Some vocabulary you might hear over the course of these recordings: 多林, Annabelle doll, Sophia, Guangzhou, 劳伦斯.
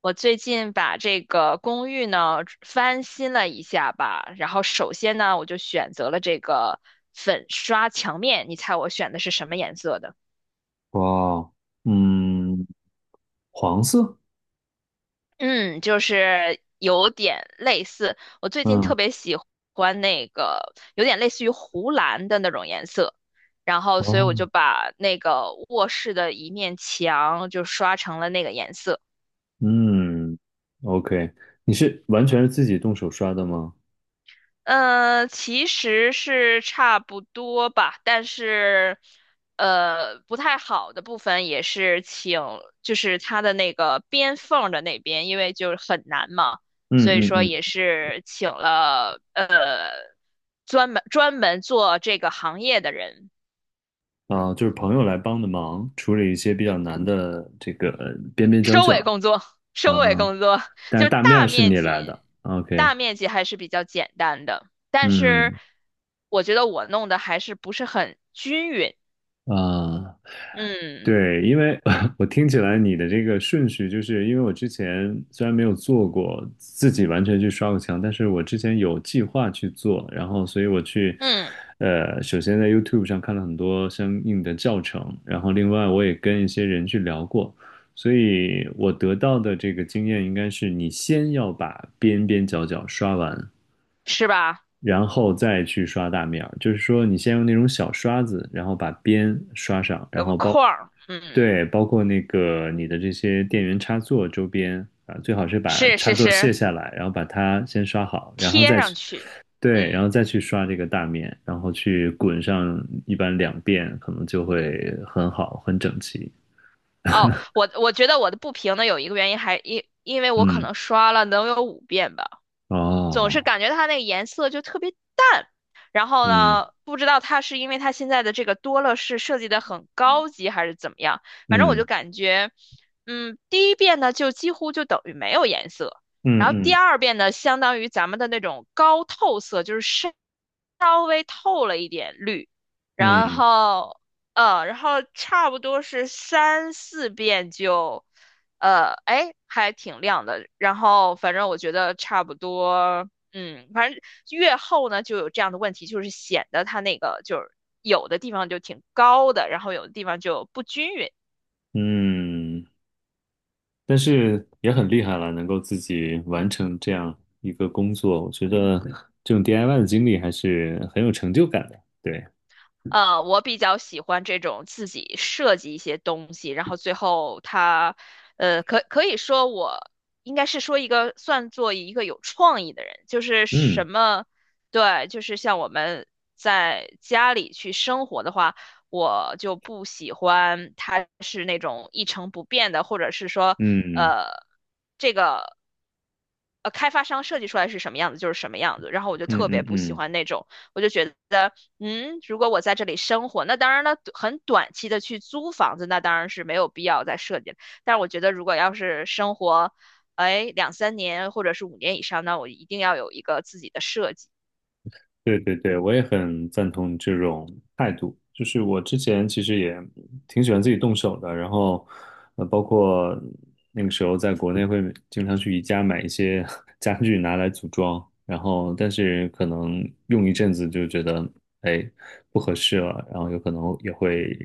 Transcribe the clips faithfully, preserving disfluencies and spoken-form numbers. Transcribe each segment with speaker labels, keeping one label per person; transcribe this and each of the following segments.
Speaker 1: 我最近把这个公寓呢翻新了一下吧，然后首先呢，我就选择了这个粉刷墙面，你猜我选的是什么颜色的？
Speaker 2: 哇，嗯，黄色，
Speaker 1: 嗯，就是有点类似，我最近
Speaker 2: 嗯，
Speaker 1: 特别喜欢那个有点类似于湖蓝的那种颜色，然后所以我
Speaker 2: 哦，
Speaker 1: 就把那个卧室的一面墙就刷成了那个颜色。
Speaker 2: 嗯，OK，你是完全是自己动手刷的吗？
Speaker 1: 呃，其实是差不多吧，但是，呃，不太好的部分也是请，就是它的那个边缝的那边，因为就是很难嘛，所以
Speaker 2: 嗯嗯
Speaker 1: 说
Speaker 2: 嗯，
Speaker 1: 也是请了呃专门专门做这个行业的人，
Speaker 2: 啊，就是朋友来帮的忙，处理一些比较难的这个呃边边角
Speaker 1: 收尾
Speaker 2: 角。
Speaker 1: 工作，
Speaker 2: 啊，
Speaker 1: 收尾
Speaker 2: 啊，
Speaker 1: 工作
Speaker 2: 但
Speaker 1: 就
Speaker 2: 是
Speaker 1: 是
Speaker 2: 大面
Speaker 1: 大
Speaker 2: 儿是
Speaker 1: 面
Speaker 2: 你来
Speaker 1: 积，
Speaker 2: 的，OK。
Speaker 1: 大面积还是比较简单的，但是
Speaker 2: 嗯，
Speaker 1: 我觉得我弄的还是不是很均匀。
Speaker 2: 啊。
Speaker 1: 嗯
Speaker 2: 对，因为 我听起来你的这个顺序，就是因为我之前虽然没有做过自己完全去刷过墙，但是我之前有计划去做，然后所以我去，
Speaker 1: 嗯，
Speaker 2: 呃，首先在 YouTube 上看了很多相应的教程。然后另外我也跟一些人去聊过，所以我得到的这个经验应该是，你先要把边边角角刷完，
Speaker 1: 是吧？
Speaker 2: 然后再去刷大面儿，就是说你先用那种小刷子，然后把边刷上，然
Speaker 1: 有个
Speaker 2: 后包。
Speaker 1: 框儿，嗯，
Speaker 2: 对，包括那个你的这些电源插座周边啊，最好是把
Speaker 1: 是
Speaker 2: 插
Speaker 1: 是
Speaker 2: 座卸
Speaker 1: 是，
Speaker 2: 下来，然后把它先刷好，然后
Speaker 1: 贴
Speaker 2: 再
Speaker 1: 上
Speaker 2: 去，
Speaker 1: 去，
Speaker 2: 对，然
Speaker 1: 嗯，
Speaker 2: 后再去刷这个大面，然后去滚上一般两遍，可能就会很好，很整齐。
Speaker 1: 哦，我我觉得我的不平呢，有一个原因还因因为我可
Speaker 2: 嗯，
Speaker 1: 能刷了能有五遍吧。总是
Speaker 2: 哦，
Speaker 1: 感觉它那个颜色就特别淡。然后
Speaker 2: 嗯
Speaker 1: 呢，不知道它是因为它现在的这个多乐士设计的很高级，还是怎么样。反正我就
Speaker 2: 嗯
Speaker 1: 感觉，嗯，第一遍呢就几乎就等于没有颜色，
Speaker 2: 嗯
Speaker 1: 然后第
Speaker 2: 嗯
Speaker 1: 二遍呢相当于咱们的那种高透色，就是深稍微透了一点绿，然
Speaker 2: 嗯
Speaker 1: 后呃，然后差不多是三四遍就。呃，哎，还挺亮的。然后反正我觉得差不多，嗯，反正越厚呢就有这样的问题，就是显得它那个就是有的地方就挺高的，然后有的地方就不均匀。
Speaker 2: 嗯，但是也很厉害了，能够自己完成这样一个工作。我觉得这种 D I Y 的经历还是很有成就感的。对。
Speaker 1: 呃，我比较喜欢这种自己设计一些东西，然后最后它，呃，可可以说我应该是说一个算作一个有创意的人，就是
Speaker 2: 嗯
Speaker 1: 什么，对，就是像我们在家里去生活的话，我就不喜欢它是那种一成不变的，或者是说，
Speaker 2: 嗯
Speaker 1: 呃，这个。呃开发商设计出来是什么样子就是什么样子，然后我就
Speaker 2: 嗯
Speaker 1: 特别
Speaker 2: 嗯
Speaker 1: 不喜
Speaker 2: 嗯，
Speaker 1: 欢那种，我就觉得，嗯，如果我在这里生活，那当然了，很短期的去租房子，那当然是没有必要再设计了。但是我觉得，如果要是生活，哎，两三年或者是五年以上，那我一定要有一个自己的设计，
Speaker 2: 对对对，我也很赞同你这种态度。就是我之前其实也挺喜欢自己动手的，然后呃，包括那个时候在国内会经常去宜家买一些 家具拿来组装。然后但是可能用一阵子就觉得哎不合适了，然后有可能也会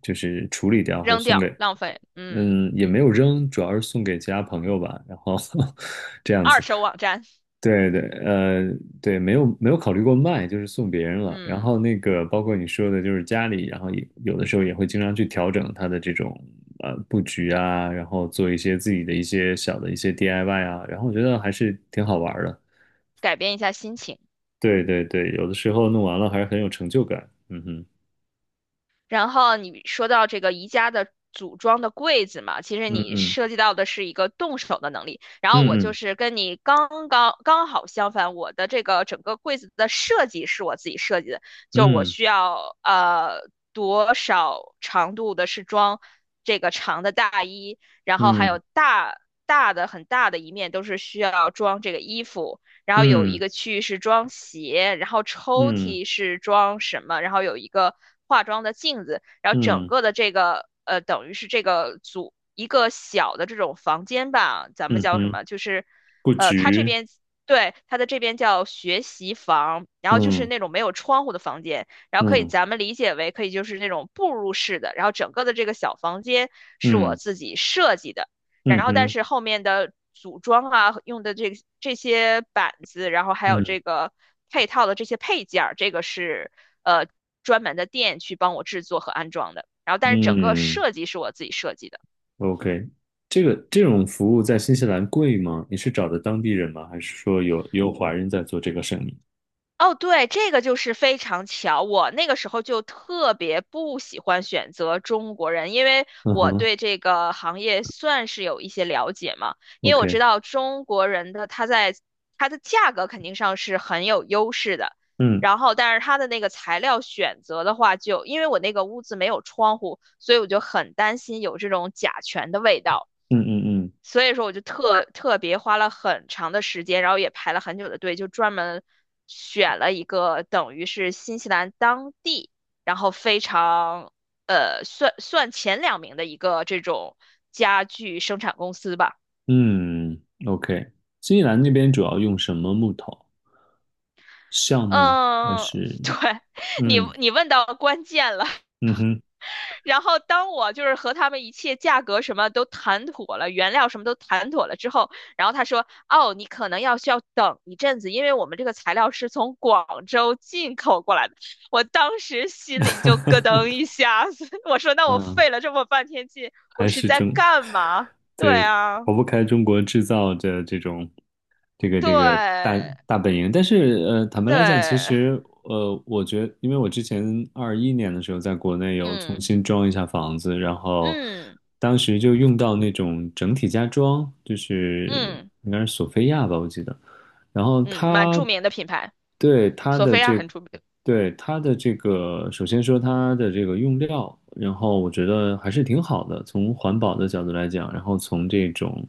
Speaker 2: 就是处理掉或者
Speaker 1: 扔
Speaker 2: 送给
Speaker 1: 掉，浪费，嗯，
Speaker 2: 嗯也没有扔，主要是送给其他朋友吧，然后 这样
Speaker 1: 二
Speaker 2: 子。
Speaker 1: 手网站，
Speaker 2: 对对，呃，对，没有没有考虑过卖，就是送别人了。然后
Speaker 1: 嗯，
Speaker 2: 那个包括你说的，就是家里，然后也有的时候也会经常去调整它的这种呃布局啊，然后做一些自己的一些小的一些 D I Y 啊，然后我觉得还是挺好玩儿的。
Speaker 1: 改变一下心情。
Speaker 2: 对对对，有的时候弄完了还是很有成就感。嗯哼，
Speaker 1: 然后你说到这个宜家的组装的柜子嘛，其实
Speaker 2: 嗯
Speaker 1: 你
Speaker 2: 嗯
Speaker 1: 涉及到的是一个动手的能力。然后我就
Speaker 2: 嗯
Speaker 1: 是跟你刚刚刚好相反，我的这个整个柜子的设计是我自己设计的，就是我
Speaker 2: 嗯
Speaker 1: 需要呃多少长度的是装这个长的大衣，然后还有
Speaker 2: 嗯
Speaker 1: 大大的很大的一面都是需要装这个衣服，然后有一
Speaker 2: 嗯
Speaker 1: 个区域是装鞋，然后抽
Speaker 2: 嗯
Speaker 1: 屉是装什么，然后有一个化妆的镜子，然后整
Speaker 2: 嗯
Speaker 1: 个的这个呃，等于是这个组一个小的这种房间吧，咱们
Speaker 2: 嗯
Speaker 1: 叫
Speaker 2: 哼，
Speaker 1: 什
Speaker 2: 嗯
Speaker 1: 么？就是
Speaker 2: 布
Speaker 1: 呃，它这
Speaker 2: 局，
Speaker 1: 边对它的这边叫学习房，然后就是
Speaker 2: 嗯
Speaker 1: 那种没有窗户的房间，然后可以
Speaker 2: 嗯
Speaker 1: 咱们理解为可以就是那种步入式的，然后整个的这个小房间是我
Speaker 2: 嗯
Speaker 1: 自己设计的。
Speaker 2: 嗯
Speaker 1: 然后但
Speaker 2: 哼，
Speaker 1: 是后面的组装啊，用的这个这些板子，然后还有
Speaker 2: 嗯
Speaker 1: 这个配套的这些配件儿，这个是呃专门的店去帮我制作和安装的。然后但是整个
Speaker 2: 嗯。
Speaker 1: 设计是我自己设计的。
Speaker 2: OK，这个这种服务在新西兰贵吗？你是找的当地人吗？还是说有有华人在做这个生意？
Speaker 1: 哦，对，这个就是非常巧。我那个时候就特别不喜欢选择中国人，因为
Speaker 2: 嗯
Speaker 1: 我
Speaker 2: 哼
Speaker 1: 对这个行业算是有一些了解嘛。因为我知
Speaker 2: ，OK，
Speaker 1: 道中国人的他在他的价格肯定上是很有优势的，
Speaker 2: 嗯
Speaker 1: 然后但是他的那个材料选择的话就，因为我那个屋子没有窗户，所以我就很担心有这种甲醛的味道。
Speaker 2: 嗯嗯
Speaker 1: 所以说我就特特别花了很长的时间，然后也排了很久的队，就专门选了一个等于是新西兰当地，然后非常呃算算前两名的一个这种家具生产公司吧。
Speaker 2: 嗯嗯，OK。新西兰那边主要用什么木头？橡木还
Speaker 1: 嗯，
Speaker 2: 是？
Speaker 1: 对，你
Speaker 2: 嗯
Speaker 1: 你问到关键了，
Speaker 2: 嗯哼，
Speaker 1: 然后当我就是和他们一切价格什么都谈妥了，原料什么都谈妥了之后，然后他说：“哦，你可能要需要等一阵子，因为我们这个材料是从广州进口过来的。”我当时心里就咯 噔一下子，我说：“那我
Speaker 2: 嗯
Speaker 1: 费了这么半天劲，我
Speaker 2: 还
Speaker 1: 是
Speaker 2: 是
Speaker 1: 在
Speaker 2: 中，
Speaker 1: 干嘛？”对
Speaker 2: 对，
Speaker 1: 啊，
Speaker 2: 逃不开中国制造的这种，这个这个大
Speaker 1: 对
Speaker 2: 大本营。但是，呃，坦白来讲，其
Speaker 1: 对，
Speaker 2: 实，呃，我觉得因为我之前二一年的时候在国内有重
Speaker 1: 嗯
Speaker 2: 新装一下房子，然后
Speaker 1: 嗯
Speaker 2: 当时就用到那种整体家装，就是
Speaker 1: 嗯
Speaker 2: 应该是索菲亚吧，我记得。然后
Speaker 1: 嗯，蛮
Speaker 2: 它
Speaker 1: 著名的品牌，
Speaker 2: 对它
Speaker 1: 索
Speaker 2: 的
Speaker 1: 菲亚
Speaker 2: 这
Speaker 1: 很出名，
Speaker 2: 对，它的这个，首先说它的这个用料，然后我觉得还是挺好的，从环保的角度来讲，然后从这种，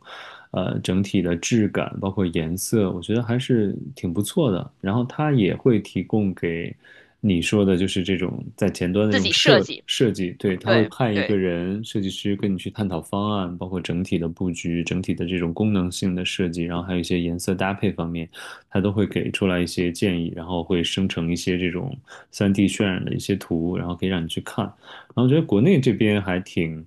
Speaker 2: 呃，整体的质感，包括颜色，我觉得还是挺不错的。然后它也会提供给你说的，就是这种在前端的这
Speaker 1: 自
Speaker 2: 种
Speaker 1: 己设
Speaker 2: 设
Speaker 1: 计，
Speaker 2: 设计，对，他会
Speaker 1: 对
Speaker 2: 派一个
Speaker 1: 对，
Speaker 2: 人设计师跟你去探讨方案，包括整体的布局、整体的这种功能性的设计，然后还有一些颜色搭配方面。它都会给出来一些建议，然后会生成一些这种三 d 渲染的一些图，然后可以让你去看。然后我觉得国内这边还挺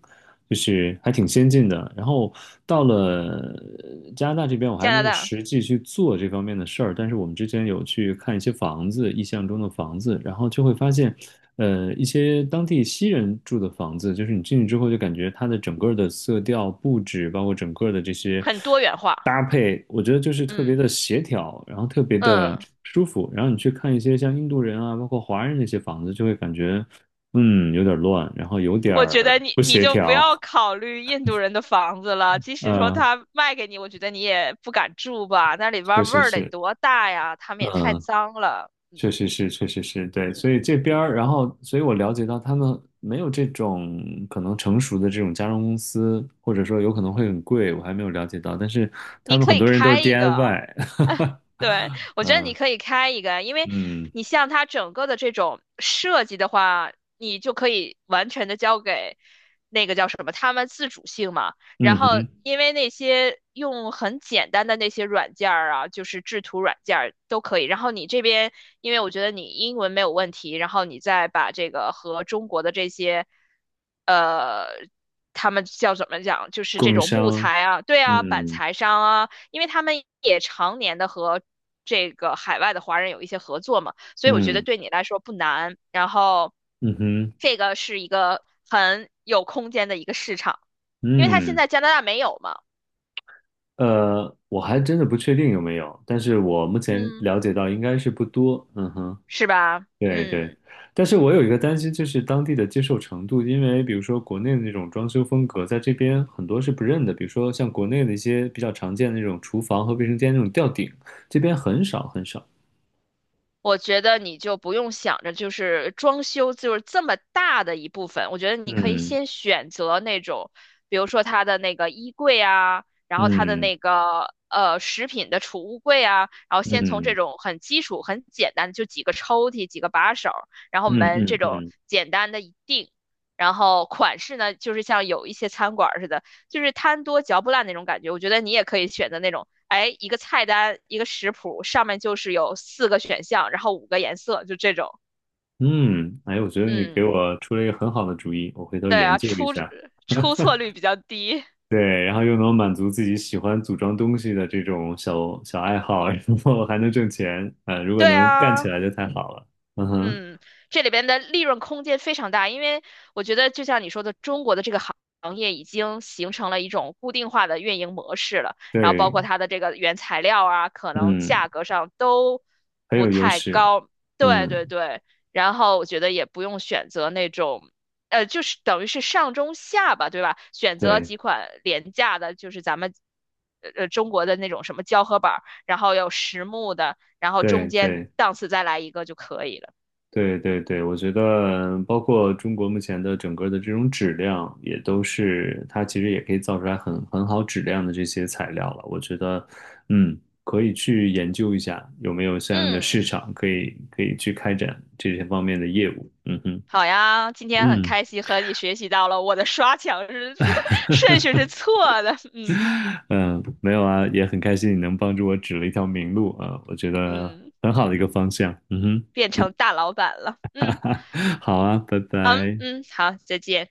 Speaker 2: 就是还挺先进的。然后到了呃加拿大这边，我还
Speaker 1: 加
Speaker 2: 没
Speaker 1: 拿
Speaker 2: 有
Speaker 1: 大。
Speaker 2: 实际去做这方面的事儿，但是我们之前有去看一些房子，意象中的房子，然后就会发现，呃，一些当地西人住的房子，就是你进去之后就感觉它的整个的色调、布置，包括整个的这些，
Speaker 1: 很多元化。
Speaker 2: 搭配，我觉得就是特别
Speaker 1: 嗯
Speaker 2: 的协调，然后特别的
Speaker 1: 嗯，
Speaker 2: 舒服。然后你去看一些像印度人啊，包括华人那些房子，就会感觉，嗯，有点乱，然后有点
Speaker 1: 我觉
Speaker 2: 儿
Speaker 1: 得你
Speaker 2: 不
Speaker 1: 你
Speaker 2: 协
Speaker 1: 就不
Speaker 2: 调。
Speaker 1: 要考虑印度人的房子了，即使说
Speaker 2: 嗯，
Speaker 1: 他卖给你，我觉得你也不敢住吧，那里边
Speaker 2: 确
Speaker 1: 儿味
Speaker 2: 实
Speaker 1: 儿得
Speaker 2: 是，
Speaker 1: 多大呀，他们也太
Speaker 2: 嗯，
Speaker 1: 脏了。
Speaker 2: 确实是，确实是，对，
Speaker 1: 嗯。
Speaker 2: 所以这边儿，然后，所以我了解到他们没有这种可能成熟的这种家装公司，或者说有可能会很贵，我还没有了解到，但是他
Speaker 1: 你
Speaker 2: 们
Speaker 1: 可
Speaker 2: 很
Speaker 1: 以
Speaker 2: 多人都是
Speaker 1: 开一个。
Speaker 2: D I Y，
Speaker 1: 对，我觉得你可以开一个，因 为
Speaker 2: 嗯
Speaker 1: 你像它整个的这种设计的话，你就可以完全的交给那个叫什么，他们自主性嘛。然
Speaker 2: 嗯
Speaker 1: 后，
Speaker 2: 哼，
Speaker 1: 因为那些用很简单的那些软件儿啊，就是制图软件儿都可以。然后你这边，因为我觉得你英文没有问题，然后你再把这个和中国的这些。呃。他们叫怎么讲，就是
Speaker 2: 供
Speaker 1: 这
Speaker 2: 应
Speaker 1: 种木
Speaker 2: 商，
Speaker 1: 材啊，对啊，板
Speaker 2: 嗯
Speaker 1: 材商啊，因为他们也常年的和这个海外的华人有一些合作嘛，所以我觉得
Speaker 2: 嗯
Speaker 1: 对你来说不难。然后，
Speaker 2: 嗯哼
Speaker 1: 这个是一个很有空间的一个市场，因为它现
Speaker 2: 嗯，
Speaker 1: 在加拿大没有嘛，
Speaker 2: 呃，我还真的不确定有没有，但是我目前
Speaker 1: 嗯，
Speaker 2: 了解到应该是不多，嗯哼。
Speaker 1: 是吧？
Speaker 2: 对对，
Speaker 1: 嗯。
Speaker 2: 但是我有一个担心，就是当地的接受程度，因为比如说国内的那种装修风格，在这边很多是不认的，比如说像国内的一些比较常见的那种厨房和卫生间那种吊顶，这边很少很少。
Speaker 1: 我觉得你就不用想着就是装修就是这么大的一部分，我觉得你可以
Speaker 2: 嗯
Speaker 1: 先选择那种，比如说它的那个衣柜啊，然后它的
Speaker 2: 嗯
Speaker 1: 那个呃食品的储物柜啊，然后先从这
Speaker 2: 嗯
Speaker 1: 种很基础、很简单的就几个抽屉、几个把手，然后
Speaker 2: 嗯
Speaker 1: 门这
Speaker 2: 嗯
Speaker 1: 种
Speaker 2: 嗯
Speaker 1: 简单的一定，然后款式呢，就是像有一些餐馆儿似的，就是贪多嚼不烂那种感觉。我觉得你也可以选择那种哎，一个菜单，一个食谱，上面就是有四个选项，然后五个颜色，就这种。
Speaker 2: 嗯，哎，我觉得你
Speaker 1: 嗯，
Speaker 2: 给我出了一个很好的主意，我回头
Speaker 1: 对
Speaker 2: 研
Speaker 1: 啊，
Speaker 2: 究一
Speaker 1: 出
Speaker 2: 下。
Speaker 1: 出错率比较低。
Speaker 2: 对，然后又能满足自己喜欢组装东西的这种小小爱好，然后还能挣钱。啊，如果
Speaker 1: 对
Speaker 2: 能干
Speaker 1: 啊，
Speaker 2: 起来就太好了。嗯哼，
Speaker 1: 嗯，这里边的利润空间非常大，因为我觉得就像你说的，中国的这个行行业已经形成了一种固定化的运营模式了，然后包
Speaker 2: 对，
Speaker 1: 括它的这个原材料啊，可能
Speaker 2: 嗯，
Speaker 1: 价格上都
Speaker 2: 很
Speaker 1: 不
Speaker 2: 有优
Speaker 1: 太
Speaker 2: 势。
Speaker 1: 高。对对
Speaker 2: 嗯，
Speaker 1: 对，然后我觉得也不用选择那种，呃，就是等于是上中下吧，对吧？选择
Speaker 2: 对，
Speaker 1: 几款廉价的，就是咱们。呃呃，中国的那种什么胶合板儿，然后有实木的，然后中
Speaker 2: 对，
Speaker 1: 间
Speaker 2: 对，
Speaker 1: 档次再来一个就可以了。
Speaker 2: 对，对，对，我觉得包括中国目前的整个的这种质量，也都是它其实也可以造出来很很好质量的这些材料了。我觉得，嗯，可以去研究一下有没有相应的
Speaker 1: 嗯，
Speaker 2: 市场，可以可以去开展这些方面的业务。嗯哼。
Speaker 1: 好呀，今天很
Speaker 2: 嗯
Speaker 1: 开心和你学习到了我的刷墙是 顺序是错的，嗯
Speaker 2: 嗯，没有啊，也很开心你能帮助我指了一条明路啊，我觉得
Speaker 1: 嗯，
Speaker 2: 很好的一个方向。嗯
Speaker 1: 变成大老板了，
Speaker 2: 哼，
Speaker 1: 嗯，
Speaker 2: 好啊，拜
Speaker 1: 嗯
Speaker 2: 拜。
Speaker 1: 嗯，好，再见。